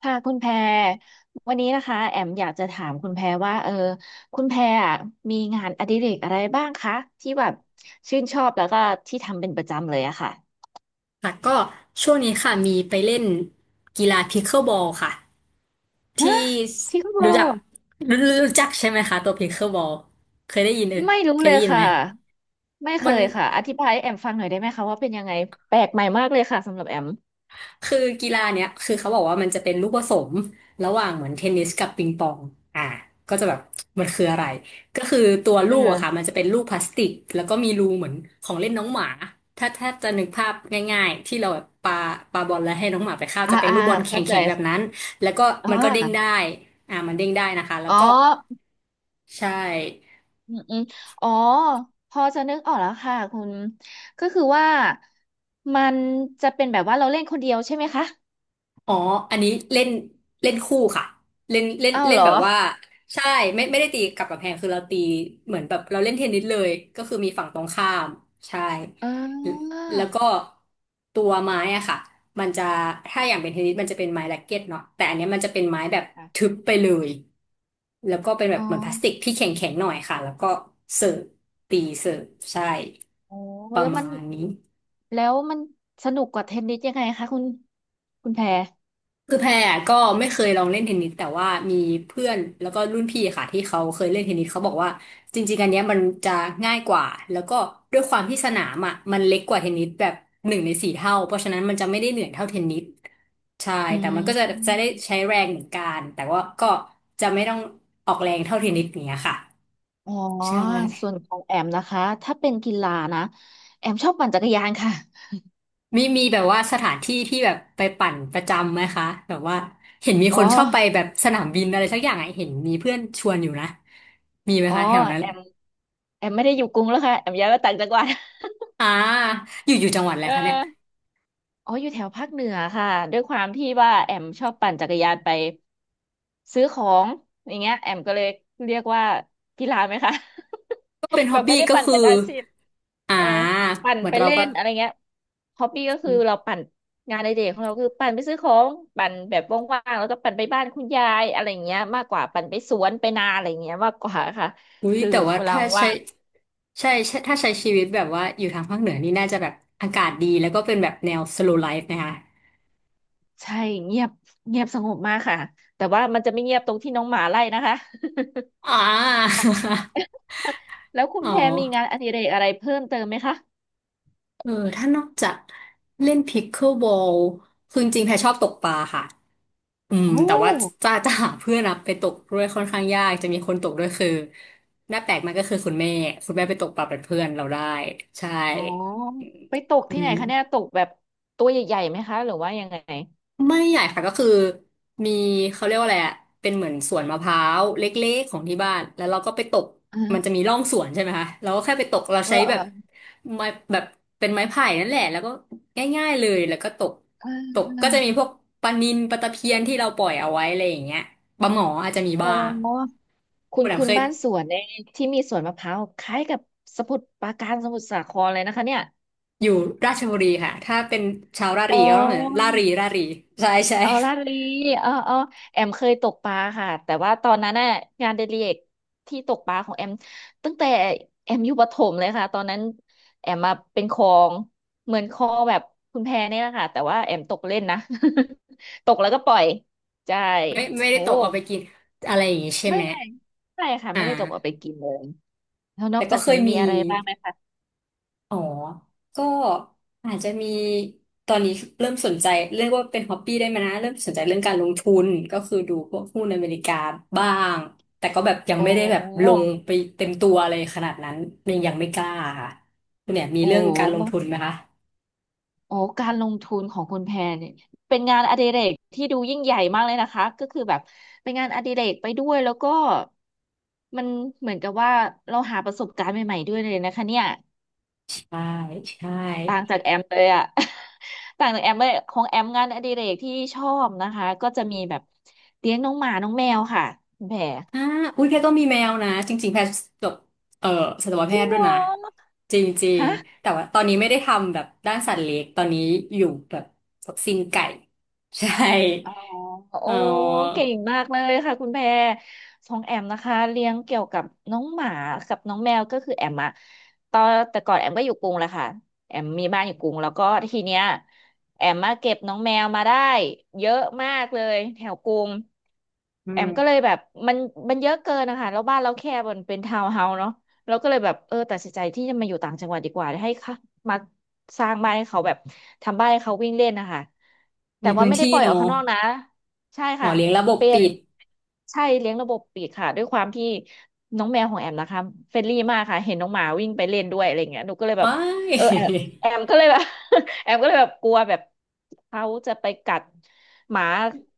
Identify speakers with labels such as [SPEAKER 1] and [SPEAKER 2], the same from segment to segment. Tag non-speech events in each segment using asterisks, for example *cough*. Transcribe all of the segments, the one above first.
[SPEAKER 1] ค่ะคุณแพรวันนี้นะคะแอมอยากจะถามคุณแพรว่าคุณแพรอะมีงานอดิเรกอะไรบ้างคะที่แบบชื่นชอบแล้วก็ที่ทำเป็นประจำเลยอะค่ะ
[SPEAKER 2] ค่ะก็ช่วงนี้ค่ะมีไปเล่นกีฬาพิ c เกิลบอลค่ะ
[SPEAKER 1] ฮะ
[SPEAKER 2] ที่
[SPEAKER 1] ทริงเหรอ
[SPEAKER 2] รู้จักรู้รู้จักใช่ไหมคะตัวพิ c เกิลบอลเคยได้ยิน
[SPEAKER 1] ไม่รู้
[SPEAKER 2] เคย
[SPEAKER 1] เลย
[SPEAKER 2] ได้ยินไหม
[SPEAKER 1] ค่ะไม่เค
[SPEAKER 2] มัน
[SPEAKER 1] ยค่ะอธิบายให้แอมฟังหน่อยได้ไหมคะว่าเป็นยังไงแปลกใหม่มากเลยค่ะสำหรับแอม
[SPEAKER 2] คือกีฬาเนี้ยคือเขาบอกว่ามันจะเป็นลูกผสมระหว่างเหมือนเทนนิสกับปิงปองอ่าก็จะแบบมันคืออะไรก็คือตัว
[SPEAKER 1] เอ
[SPEAKER 2] ลูกอะค่ะ
[SPEAKER 1] อ
[SPEAKER 2] มันจะเป็นลูกพลาสติกแล้วก็มีรูเหมือนของเล่นน้องหมาถ้าจะนึกภาพง่ายๆที่เราแบบปาปาบอลแล้วให้น้องหมาไปเข้า
[SPEAKER 1] อ่า
[SPEAKER 2] จะเป็น
[SPEAKER 1] อ่า
[SPEAKER 2] ลูกบอลแข
[SPEAKER 1] เข้าใจ
[SPEAKER 2] ็งๆแบบนั้นแล้วก็
[SPEAKER 1] อ่
[SPEAKER 2] มันก็เด้งได้
[SPEAKER 1] า
[SPEAKER 2] มันเด้งได้นะคะแล้ว
[SPEAKER 1] อ๋อ
[SPEAKER 2] ก็ใช่
[SPEAKER 1] อืมอืมอ๋อพอจะนึกออกแล้วค่ะคุณก็คือว่ามันจะเป็นแบบว่าเราเล่นคนเดียวใช่ไหมคะ
[SPEAKER 2] อ๋ออันนี้เล่นเล่นคู่ค่ะเล่นเล่น
[SPEAKER 1] อ้าว
[SPEAKER 2] เล่
[SPEAKER 1] เห
[SPEAKER 2] น
[SPEAKER 1] รอ
[SPEAKER 2] แบบว่าใช่ไม่ได้ตีกับกำแพงคือเราตีเหมือนแบบเราเล่นเทนนิสเลยก็คือมีฝั่งตรงข้ามใช่
[SPEAKER 1] อ่า
[SPEAKER 2] แล้วก็ตัวไม้อะค่ะมันจะถ้าอย่างเป็นเทนนิสมันจะเป็นไม้แร็กเก็ตเนาะแต่อันเนี้ยมันจะเป็นไม้แบบทึบ
[SPEAKER 1] ค่ะ
[SPEAKER 2] ไปเลยแล้วก็เป็นแบ
[SPEAKER 1] อ๋
[SPEAKER 2] บ
[SPEAKER 1] อ
[SPEAKER 2] เหมือนพลาสติกที่แข็งแข็งหน่อยค่ะแล้วก็เสิร์ฟตีเสิร์ฟใช่
[SPEAKER 1] โอ้
[SPEAKER 2] ประ
[SPEAKER 1] แล้วมัน
[SPEAKER 2] มาณนี้
[SPEAKER 1] แล้วมันสนุกกว่าเทนนิสยังไงคะคุณคุณแพร
[SPEAKER 2] คือแพรก็ไม่เคยลองเล่นเทนนิสแต่ว่ามีเพื่อนแล้วก็รุ่นพี่ค่ะที่เขาเคยเล่นเทนนิสเขาบอกว่าจริงๆอันเนี้ยมันจะง่ายกว่าแล้วก็ด้วยความที่สนามอ่ะมันเล็กกว่าเทนนิสแบบหนึ่งในสี่เท่าเพราะฉะนั้นมันจะไม่ได้เหนื่อยเท่าเทนนิสใช่
[SPEAKER 1] อื
[SPEAKER 2] แต่มัน
[SPEAKER 1] ม
[SPEAKER 2] ก็จะได้ใช้แรงเหมือนกันแต่ว่าก็จะไม่ต้องออกแรงเท่าเทนนิสอย่างเนี้ยค่ะ
[SPEAKER 1] อ๋อ
[SPEAKER 2] ใช่
[SPEAKER 1] ส่วนของแอมนะคะถ้าเป็นกีฬานะแอมชอบปั่นจักรยานค่ะ
[SPEAKER 2] มีแบบว่าสถานที่ที่แบบไปปั่นประจำไหมคะแบบว่าเห็นมี
[SPEAKER 1] อ๋อ
[SPEAKER 2] คนชอบไปแบบสนามบินอะไรสักอย่างไอะเห็นมีเพื่อนชวนอยู่นะมีไหม
[SPEAKER 1] อ๋อ
[SPEAKER 2] คะแถวนั้น
[SPEAKER 1] แอมแอมไม่ได้อยู่กรุงแล้วค่ะแอมย้ายมาต่างจังหวัด
[SPEAKER 2] อ่าอยู่จังหวัดอะไร
[SPEAKER 1] เออ
[SPEAKER 2] คะเนี่ย
[SPEAKER 1] อ๋ออยู่แถวภาคเหนือค่ะด้วยความที่ว่าแอมชอบปั่นจักรยานไปซื้อของอย่างเงี้ยแอมก็เลยเรียกว่ากีฬาไหมคะ
[SPEAKER 2] ก็เป็น
[SPEAKER 1] *laughs*
[SPEAKER 2] ฮ็
[SPEAKER 1] แบ
[SPEAKER 2] อบ
[SPEAKER 1] บไม่
[SPEAKER 2] บี้
[SPEAKER 1] ได้
[SPEAKER 2] ก็
[SPEAKER 1] ปั่น
[SPEAKER 2] คือ
[SPEAKER 1] เป็นอาชีพ
[SPEAKER 2] อ่า
[SPEAKER 1] เออปั่น
[SPEAKER 2] เหมือ
[SPEAKER 1] ไป
[SPEAKER 2] นเรา
[SPEAKER 1] เล่
[SPEAKER 2] ก็
[SPEAKER 1] นอะไรเงี้ยฮอบบี้ก็คือเราปั่นงานในเด็กของเราคือปั่นไปซื้อของปั่นแบบว่างๆแล้วก็ปั่นไปบ้านคุณยายอะไรเงี้ยมากกว่าปั่นไปสวนไปนาอะไรเงี้ยมากกว่าค่ะ
[SPEAKER 2] อุ้ย
[SPEAKER 1] คือ
[SPEAKER 2] แต่ว่า
[SPEAKER 1] เวลา
[SPEAKER 2] ถ้าใช้
[SPEAKER 1] ว่าง
[SPEAKER 2] ใช่ใช่ถ้าใช้ชีวิตแบบว่าอยู่ทางภาคเหนือนี่น่าจะแบบอากาศดีแล้วก็เป็นแบบแนว slow life นะคะ
[SPEAKER 1] ใช่เงียบเงียบสงบมากค่ะแต่ว่ามันจะไม่เงียบตรงที่น้องหมาไล่นะคะ *laughs*
[SPEAKER 2] อ่า *laughs*
[SPEAKER 1] แล้วคุณ
[SPEAKER 2] อ๋อ
[SPEAKER 1] แพรมีงานอดิเรกอะไรเพิ่มเติมไหมคะ
[SPEAKER 2] ถ้านอกจากเล่นพิกเกิลบอลคือจริงๆแพรชอบตกปลาค่ะอืม
[SPEAKER 1] โอ้
[SPEAKER 2] แต่ว่าจะ *laughs* จะหาเพื่อนอะไปตกด้วยค่อนข้างยากจะมีคนตกด้วยคือหน้าแปลกมากก็คือคุณแม่ไปตกปลาเป็นเพื่อนเราได้ใช่
[SPEAKER 1] อ๋อไปตก
[SPEAKER 2] อื
[SPEAKER 1] ที่ไหน
[SPEAKER 2] ม
[SPEAKER 1] คะเนี่ยตกแบบตัวใหญ่ๆ ไหมคะ หรือว่ายังไง
[SPEAKER 2] ไม่ใหญ่ค่ะก็คือมีเขาเรียกว่าอะไรอะเป็นเหมือนสวนมะพร้าวเล็กๆของที่บ้านแล้วเราก็ไปตก
[SPEAKER 1] เอ
[SPEAKER 2] มันจะ
[SPEAKER 1] อ
[SPEAKER 2] มีร่องสวนใช่ไหมคะเราก็แค่ไปตกเรา
[SPEAKER 1] เออ
[SPEAKER 2] ใช้
[SPEAKER 1] เอ
[SPEAKER 2] แบบ
[SPEAKER 1] อ
[SPEAKER 2] ไม้แบบเป็นไม้ไผ่นั่นแหละแล้วก็ง่ายๆเลยแล้วก็ตก
[SPEAKER 1] เออ
[SPEAKER 2] ตก
[SPEAKER 1] เอ
[SPEAKER 2] ก็จะมีพ
[SPEAKER 1] อ
[SPEAKER 2] วกปลานิลปลาตะเพียนที่เราปล่อยเอาไว้อะไรอย่างเงี้ยปลาหมออาจจะมี
[SPEAKER 1] โ
[SPEAKER 2] บ้าง
[SPEAKER 1] อคุ
[SPEAKER 2] คุ
[SPEAKER 1] ณ
[SPEAKER 2] ณแอม
[SPEAKER 1] คุณ
[SPEAKER 2] เคย
[SPEAKER 1] บ้านสวนในยที่มีสวนมะพร้าวคล้ายกับสมุทรปราการสมุทรสาครเลยนะคะเนี่ย
[SPEAKER 2] อยู่ราชบุรีค่ะถ้าเป็นชาวรา
[SPEAKER 1] อ๋
[SPEAKER 2] รี
[SPEAKER 1] อ
[SPEAKER 2] ก็ต้องเหมือนรารีรารีใช่ใช่
[SPEAKER 1] เอาลาดลีเออเออแอมเคยตกปลาค่ะแต่ว่าตอนนั้นน่ะงานเดลิเอกที่ตกปลาของแอมตั้งแต่แอมอยู่ประถมเลยค่ะตอนนั้นแอมมาเป็นคลองเหมือนคลองแบบคุณแพเนี่ยแหละค่ะแต่ว่าแอมตกเล่นนะ *laughs* ตกแล้วก็ปล่อยใช่
[SPEAKER 2] ไม่ได้
[SPEAKER 1] โอ้
[SPEAKER 2] ตกเอาไปกินอะไรอย่างงี้ใช่
[SPEAKER 1] ไม่
[SPEAKER 2] ไหม
[SPEAKER 1] ไม่ไม่ค่ะ
[SPEAKER 2] อ่
[SPEAKER 1] ไม่ได้ตกเอา
[SPEAKER 2] า
[SPEAKER 1] ไปกินเลยแล้วน
[SPEAKER 2] แต่
[SPEAKER 1] อก
[SPEAKER 2] ก็
[SPEAKER 1] จาก
[SPEAKER 2] เค
[SPEAKER 1] นี้
[SPEAKER 2] ย
[SPEAKER 1] มี
[SPEAKER 2] มี
[SPEAKER 1] อะไรบ้างไหมคะ
[SPEAKER 2] อ๋อ ก็อาจจะมีตอนนี้เริ่มสนใจเรียกว่าเป็นฮอ b ปี้ได้ไหมนะเริ่มสนใจเรื่องการลงทุนก็คือดูพวกหุ้นอเมริกาบ้างแต่ก็แบบยัง
[SPEAKER 1] โอ้
[SPEAKER 2] ไม่ได้แบบลง
[SPEAKER 1] โห
[SPEAKER 2] ไปเต็มตัวเลยขนาดนั้นยังไม่กล้าค่ะคุณเนี่ยมี
[SPEAKER 1] โอ้
[SPEAKER 2] เรื่อง
[SPEAKER 1] โ
[SPEAKER 2] การลงทุน
[SPEAKER 1] ห
[SPEAKER 2] ไหมคะ
[SPEAKER 1] โอ้การลงทุนของคุณแพรเนี่ยเป็นงานอดิเรกที่ดูยิ่งใหญ่มากเลยนะคะก็คือแบบเป็นงานอดิเรกไปด้วยแล้วก็มันเหมือนกับว่าเราหาประสบการณ์ใหม่ๆด้วยเลยนะคะเนี่ย
[SPEAKER 2] ใช่ใช่
[SPEAKER 1] ต่างจากแอมเลยอะ *laughs* ต่างจากแอมเลยของแอมงานอดิเรกที่ชอบนะคะก็จะมีแบบเลี้ยงน้องหมาน้องแมวค่ะคุณแพร
[SPEAKER 2] อ่าอุ้ยแพทก็มีแมวนะจริงๆแพทจบเอ่อสัตว
[SPEAKER 1] จ
[SPEAKER 2] แพ
[SPEAKER 1] ริ
[SPEAKER 2] ท
[SPEAKER 1] ง
[SPEAKER 2] ย์ด้ว
[SPEAKER 1] เห
[SPEAKER 2] ย
[SPEAKER 1] รอ
[SPEAKER 2] นะจริง
[SPEAKER 1] ฮะ
[SPEAKER 2] ๆแต่ว่าตอนนี้ไม่ได้ทำแบบด้านสัตว์เลี้ยงตอนนี้อยู่แบบซิงไก่ใช่
[SPEAKER 1] อ๋อโอ้
[SPEAKER 2] เออ
[SPEAKER 1] เก่งมากเลยค่ะคุณแพรของแอมนะคะเลี้ยงเกี่ยวกับน้องหมากับน้องแมวก็คือแอมอะตอนแต่ก่อนแอมก็อยู่กรุงแหละค่ะแอมมีบ้านอยู่กรุงแล้วก็ทีเนี้ยแอมมาเก็บน้องแมวมาได้เยอะมากเลยแถวกรุง
[SPEAKER 2] อื
[SPEAKER 1] แอ
[SPEAKER 2] ม
[SPEAKER 1] มก็เลยแบบมันมันเยอะเกินนะคะแล้วบ้านเราแคบมันเป็นทาวน์เฮาส์เนาะ เราก็เลยแบบตัดสินใจที่จะมาอยู่ต่างจังหวัดดีกว่าให้ค่ะมาสร้างบ้านให้เขาแบบทำบ้านให้เขาวิ่งเล่นนะคะแต่
[SPEAKER 2] มี
[SPEAKER 1] ว่า
[SPEAKER 2] พื้น
[SPEAKER 1] ไม่ได้
[SPEAKER 2] ที่
[SPEAKER 1] ปล่อย
[SPEAKER 2] เน
[SPEAKER 1] ออก
[SPEAKER 2] อะ
[SPEAKER 1] ข้างนอกนะใช่
[SPEAKER 2] อ๋อ
[SPEAKER 1] ค่ะ
[SPEAKER 2] เลี้ยงระบบ
[SPEAKER 1] เป็น
[SPEAKER 2] ปิด
[SPEAKER 1] ใช่เลี้ยงระบบปิดค่ะด้วยความที่น้องแมวของแอมนะคะเฟรนลี่มากค่ะเห็นน้องหมาวิ่งไปเล่นด้วยอะไรเงี้ยหนูก็เลยแบบ
[SPEAKER 2] ว้าย
[SPEAKER 1] เออแอมแอมก็เลยแบบ *laughs* แอมก็เลยแบบกลัวแบบเขาจะไปกัดหมา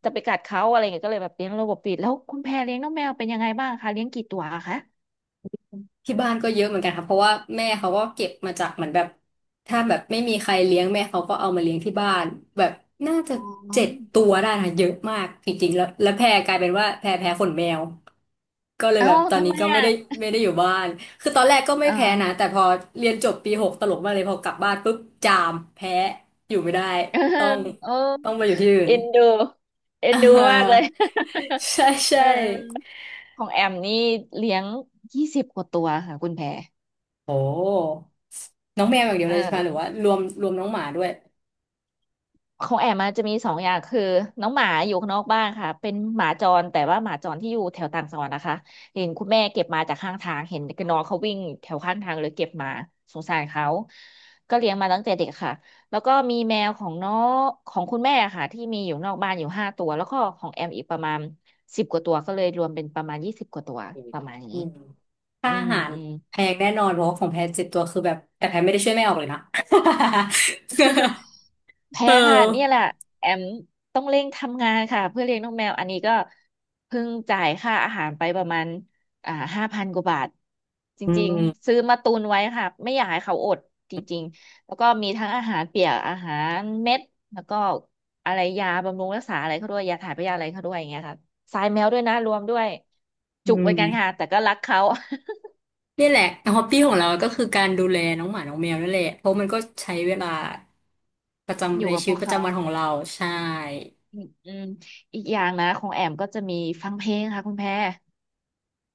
[SPEAKER 1] จะไปกัดเขาอะไรเงี้ยก็เลยแบบเลี้ยงระบบปิดแล้วคุณแพรเลี้ยงน้องแมวเป็นยังไงบ้างคะเลี้ยงกี่ตัวคะ
[SPEAKER 2] ที่บ้านก็เยอะเหมือนกันค่ะเพราะว่าแม่เขาก็เก็บมาจากเหมือนแบบถ้าแบบไม่มีใครเลี้ยงแม่เขาก็เอามาเลี้ยงที่บ้านแบบน่าจะ
[SPEAKER 1] อ๋อ
[SPEAKER 2] เจ็ดตัวได้ค่ะเยอะมากจริงๆแล้วแพรกลายเป็นว่าแพรแพ้ขนแมวก็เลย
[SPEAKER 1] เอ้า
[SPEAKER 2] แบบตอน
[SPEAKER 1] ทำ
[SPEAKER 2] นี้
[SPEAKER 1] ไม
[SPEAKER 2] ก็ไม่
[SPEAKER 1] อ่ะ
[SPEAKER 2] ได้อยู่บ้านคือตอนแรกก็ไม่แพ้นะ
[SPEAKER 1] อ่า
[SPEAKER 2] แต่พอเรียนจบปีหกตลกมากเลยพอกลับบ้านปุ๊บจามแพ้อยู่ไม่ได้
[SPEAKER 1] เออ
[SPEAKER 2] ต้อง
[SPEAKER 1] เออ
[SPEAKER 2] ต้องไปอยู่ที่อื่น
[SPEAKER 1] เอ็นดูเอ็
[SPEAKER 2] *laughs* อ่
[SPEAKER 1] นดูมากเลย
[SPEAKER 2] าใช่
[SPEAKER 1] *laughs* เอ
[SPEAKER 2] ใช่
[SPEAKER 1] อของแอมนี่เลี้ยงยี่สิบกว่าตัวค่ะคุณแพร
[SPEAKER 2] โอ้น้องแมวอย่างเดีย
[SPEAKER 1] เ
[SPEAKER 2] วเลยใช่ไหมหรือ
[SPEAKER 1] ออ
[SPEAKER 2] ว่ารวมรวมน้องหมาด้วย
[SPEAKER 1] ของแอมมันจะมี2 อย่างคือน้องหมาอยู่ข้างนอกบ้านค่ะเป็นหมาจรแต่ว่าหมาจรที่อยู่แถวต่างจังหวัดนะคะเห็นคุณแม่เก็บมาจากข้างทางเห็นน้องเขาวิ่งแถวข้างทางเลยเก็บมาสงสารเขาก็เลี้ยงมาตั้งแต่เด็กค่ะแล้วก็มีแมวของน้องของคุณแม่ค่ะที่มีอยู่นอกบ้านอยู่5 ตัวแล้วก็ของแอมอีกประมาณสิบกว่าตัวก็เลยรวมเป็นประมาณยี่สิบกว่าตัวประมาณ
[SPEAKER 2] อื
[SPEAKER 1] นี้
[SPEAKER 2] ม
[SPEAKER 1] อื
[SPEAKER 2] ค่าอา
[SPEAKER 1] ม
[SPEAKER 2] หาร
[SPEAKER 1] อืม
[SPEAKER 2] แพงแน่นอนเพราะว่าของแพงเจ็ดตัวคือแบบแต่แพงไม่ได้ช่วยแม่ออกเลยนะ
[SPEAKER 1] แพ
[SPEAKER 2] *laughs* เอ
[SPEAKER 1] งค่ะ
[SPEAKER 2] อ
[SPEAKER 1] เนี่ยแหละแอมต้องเร่งทำงานค่ะเพื่อเลี้ยงน้องแมวอันนี้ก็เพิ่งจ่ายค่าอาหารไปประมาณ5 พันกว่าบาทจ
[SPEAKER 2] อื
[SPEAKER 1] ริงๆ
[SPEAKER 2] ม
[SPEAKER 1] ซื้อมาตุนไว้ค่ะไม่อยากให้เขาอดจริงๆแล้วก็มีทั้งอาหารเปียกอาหารเม็ดแล้วก็อะไรยาบำรุงรักษาอะไรเขาด้วยยาถ่ายพยาธิอะไรเขาด้วยอย่างเงี้ยค่ะทรายแมวด้วยนะรวมด้วย
[SPEAKER 2] อื
[SPEAKER 1] จุกเหมือนกันค่ะ
[SPEAKER 2] ม
[SPEAKER 1] แต่ก็รักเขา
[SPEAKER 2] นี่แหละฮอบบี้ของเราก็คือการดูแลน้องหมาน้องแมวนั่นแหละเพราะมันก็ใช้เวลาประ
[SPEAKER 1] *laughs* อ
[SPEAKER 2] จำ
[SPEAKER 1] ยู่
[SPEAKER 2] ใน
[SPEAKER 1] กับ
[SPEAKER 2] ชี
[SPEAKER 1] พ
[SPEAKER 2] วิต
[SPEAKER 1] วก
[SPEAKER 2] ประ
[SPEAKER 1] เขา
[SPEAKER 2] จำวันของเราใช่
[SPEAKER 1] อืมอืมอีกอย่างนะของแอมก็จะมีฟังเพลงค่ะคุณแพร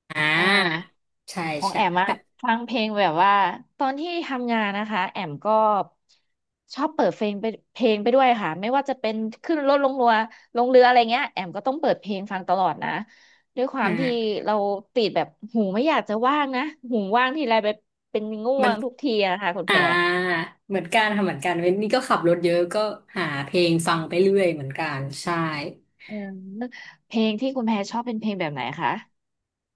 [SPEAKER 2] อ่
[SPEAKER 1] อ่
[SPEAKER 2] า
[SPEAKER 1] า
[SPEAKER 2] ใช่
[SPEAKER 1] ของ
[SPEAKER 2] ใช่
[SPEAKER 1] แอมอะฟังเพลงแบบว่าตอนที่ทำงานนะคะแอมก็ชอบเปิดเพลงไปด้วยค่ะไม่ว่าจะเป็นขึ้นรถลงเรือลงเรืออะไรเงี้ยแอมก็ต้องเปิดเพลงฟังตลอดนะด้วยความที่
[SPEAKER 2] อ่า
[SPEAKER 1] เราติดแบบหูไม่อยากจะว่างนะหูว่างทีไรไปเป็นง่
[SPEAKER 2] มั
[SPEAKER 1] ว
[SPEAKER 2] น
[SPEAKER 1] งทุกทีอะค่ะคุณแพ
[SPEAKER 2] อ่า
[SPEAKER 1] ร
[SPEAKER 2] เหมือนกันค่ะเหมือนกันเว้นนี่ก็ขับรถเยอะก็หาเพลงฟังไปเรื่อยเหมือนกันใช่
[SPEAKER 1] เออเพลงที่คุณแพรชอบเป็นเพลงแบบไหนคะ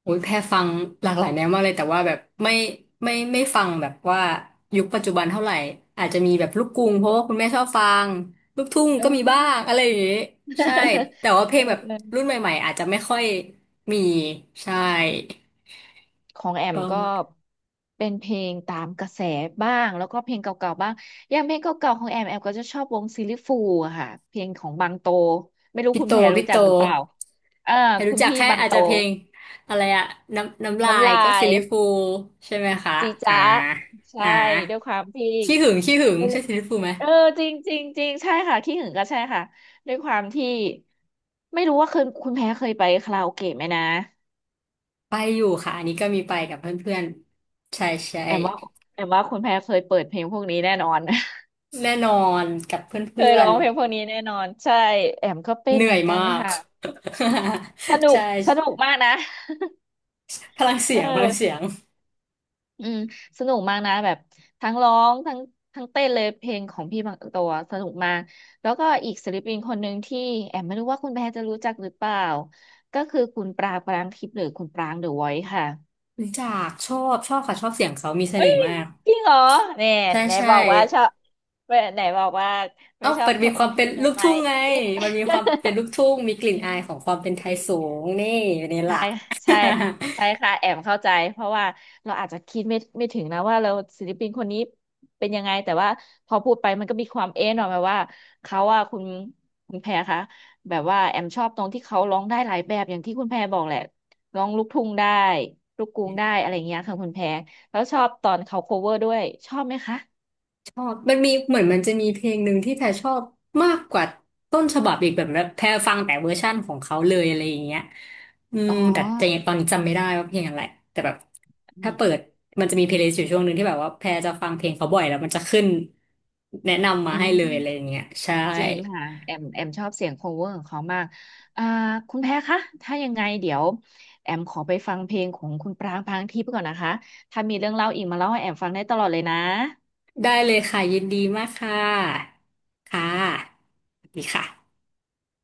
[SPEAKER 2] โอ้ยแพรฟังหลากหลายแนวมากเลยแต่ว่าแบบไม่ไม่ฟังแบบว่ายุคปัจจุบันเท่าไหร่อาจจะมีแบบลูกกรุงเพราะว่าคุณแม่ชอบฟังลูกทุ่ง
[SPEAKER 1] เอ
[SPEAKER 2] ก็มีบ้า
[SPEAKER 1] อ
[SPEAKER 2] งอะไรอย่างงี้ใช่
[SPEAKER 1] *laughs*
[SPEAKER 2] แต่ว่าเพล
[SPEAKER 1] เอ
[SPEAKER 2] งแบบรุ่น
[SPEAKER 1] อ
[SPEAKER 2] ใหม่ๆอาจจะไม่ค่อยมีใช่
[SPEAKER 1] ของแอ
[SPEAKER 2] ป
[SPEAKER 1] ม
[SPEAKER 2] ระ
[SPEAKER 1] ก็
[SPEAKER 2] มาณ
[SPEAKER 1] เป็นเพลงตามกระแสบ้างแล้วก็เพลงเก่าๆบ้างอย่างเพลงเก่าๆของแอมแอมก็จะชอบวงซิลลี่ฟูลอะค่ะเพลงของบางโตไม่รู้คุณแพรรู้
[SPEAKER 2] พี่โต
[SPEAKER 1] จักหรือเปล่าอ่า
[SPEAKER 2] แค่
[SPEAKER 1] คุ
[SPEAKER 2] รู้
[SPEAKER 1] ณ
[SPEAKER 2] จัก
[SPEAKER 1] พี่
[SPEAKER 2] แค่
[SPEAKER 1] บาง
[SPEAKER 2] อาจ
[SPEAKER 1] โต
[SPEAKER 2] จะเพลงอะไรอะน้ำลา
[SPEAKER 1] น้ำ
[SPEAKER 2] ย
[SPEAKER 1] ลา
[SPEAKER 2] ก็ซิ
[SPEAKER 1] ย
[SPEAKER 2] ลลิฟูใช่ไหมคะ
[SPEAKER 1] จี
[SPEAKER 2] อ่า
[SPEAKER 1] จ๊ะใช่
[SPEAKER 2] อ่า
[SPEAKER 1] ด้วยความที่
[SPEAKER 2] ขี้หึงขี้หึง
[SPEAKER 1] ไม่
[SPEAKER 2] ใช่
[SPEAKER 1] รู้
[SPEAKER 2] ซิลลิฟูไหม
[SPEAKER 1] เออจริงจริงจริงใช่ค่ะขี้หึงก็ใช่ค่ะด้วยความที่ไม่รู้ว่าเคยคุณแพ้เคยไปคาราโอเกะไหมนะ
[SPEAKER 2] ไปอยู่ค่ะอันนี้ก็มีไปกับเพื่อนๆใช่ใช่
[SPEAKER 1] แอมว่าแอมว่าคุณแพ้เคยเปิดเพลงพวกนี้แน่นอน
[SPEAKER 2] แน่นอนกับเพ
[SPEAKER 1] เค
[SPEAKER 2] ื่
[SPEAKER 1] ย
[SPEAKER 2] อ
[SPEAKER 1] ร้อ
[SPEAKER 2] น
[SPEAKER 1] งเพลงพวกนี้แน่นอนใช่แอมก็
[SPEAKER 2] ๆ
[SPEAKER 1] เป็น
[SPEAKER 2] เหนื่
[SPEAKER 1] เหมื
[SPEAKER 2] อ
[SPEAKER 1] อ
[SPEAKER 2] ย
[SPEAKER 1] นกั
[SPEAKER 2] มา
[SPEAKER 1] น
[SPEAKER 2] ก *laughs*
[SPEAKER 1] ค่ะสนุก
[SPEAKER 2] ใช่
[SPEAKER 1] สนุกมากนะ
[SPEAKER 2] พลัง
[SPEAKER 1] เอ
[SPEAKER 2] เสียงพลังเสี
[SPEAKER 1] อ
[SPEAKER 2] ยง
[SPEAKER 1] อืมสนุกมากนะแบบทั้งร้องทั้งเต้นเลยเพลงของพี่บางตัวสนุกมากแล้วก็อีกศิลปินคนหนึ่งที่แอมไม่รู้ว่าคุณแพรจะรู้จักหรือเปล่าก็คือคุณปรางปรางทิพย์หรือคุณปรางเดอะวอยซ์ค่ะ
[SPEAKER 2] รู้จักชอบชอบค่ะชอบเสียงเขามีเส
[SPEAKER 1] เอ้
[SPEAKER 2] น่
[SPEAKER 1] ย
[SPEAKER 2] ห์มาก
[SPEAKER 1] จริงเหรอเนี่ย
[SPEAKER 2] ใช่
[SPEAKER 1] ไหน
[SPEAKER 2] ใช่
[SPEAKER 1] บอกว่าชอบไหนบอกว่าไม่
[SPEAKER 2] เอ้า
[SPEAKER 1] ชอบ
[SPEAKER 2] มันมีความ
[SPEAKER 1] เพล
[SPEAKER 2] เป็น
[SPEAKER 1] งใ
[SPEAKER 2] ลูก
[SPEAKER 1] หม่
[SPEAKER 2] ทุ่ง
[SPEAKER 1] ๆ
[SPEAKER 2] ไงมันมีความเป็นลูกทุ่งมีก
[SPEAKER 1] *laughs*
[SPEAKER 2] ลิ่
[SPEAKER 1] อื
[SPEAKER 2] นอา
[SPEAKER 1] ม
[SPEAKER 2] ยของความเป็น
[SPEAKER 1] จ
[SPEAKER 2] ไทย
[SPEAKER 1] ริง
[SPEAKER 2] สูงนี่นี่
[SPEAKER 1] ใช่
[SPEAKER 2] ล่ะ
[SPEAKER 1] ใช่
[SPEAKER 2] *laughs*
[SPEAKER 1] ใช่ค่ะแอมเข้าใจเพราะว่าเราอาจจะคิดไม่ถึงนะว่าเราศิลปินคนนี้เป็นยังไงแต่ว่าพอพูดไปมันก็มีความเอ๊ะหน่อยแบบว่าเขาว่าคุณแพรคะแบบว่าแอมชอบตรงที่เขาร้องได้หลายแบบอย่างที่คุณแพรบอกแหละร้องลูกทุ่งได้ลูกกรุงได้อะไรอย่างเงี้ยค่ะคุณแพรแล้วชอบตอนเขา cover ด้วยชอบไหมคะ
[SPEAKER 2] ชอบมันมีเหมือนมันจะมีเพลงหนึ่งที่แพรชอบมากกว่าต้นฉบับอีกแบบแบบแพรฟังแต่เวอร์ชั่นของเขาเลยอะไรอย่างเงี้ย
[SPEAKER 1] อ๋อ
[SPEAKER 2] แต่ยังตอนนี้จำไม่ได้ว่าเพลงอะไรแต่แบบ
[SPEAKER 1] อื
[SPEAKER 2] ถ้า
[SPEAKER 1] ม
[SPEAKER 2] เปิดมันจะมีเพลย์ลิสต์อยู่ช่วงหนึ่งที่แบบว่าแพรจะฟังเพลงเขาบ่อยแล้วมันจะขึ้นแนะนำมา
[SPEAKER 1] อื
[SPEAKER 2] ให้
[SPEAKER 1] ม
[SPEAKER 2] เลยอะไรอย่างเงี้ยใช่
[SPEAKER 1] จริงค่ะแอมแอมชอบเสียง cover ของเขามากอ่าคุณแพ้คะถ้ายังไงเดี๋ยวแอมขอไปฟังเพลงของคุณปรางพรางทิพย์ก่อนนะคะถ้ามีเรื่องเล่าอีกมาเล่าให้แอมฟังได้ตลอดเลยนะ
[SPEAKER 2] ได้เลยค่ะยินดีมากค่ะค่ะสวัสดีค่ะ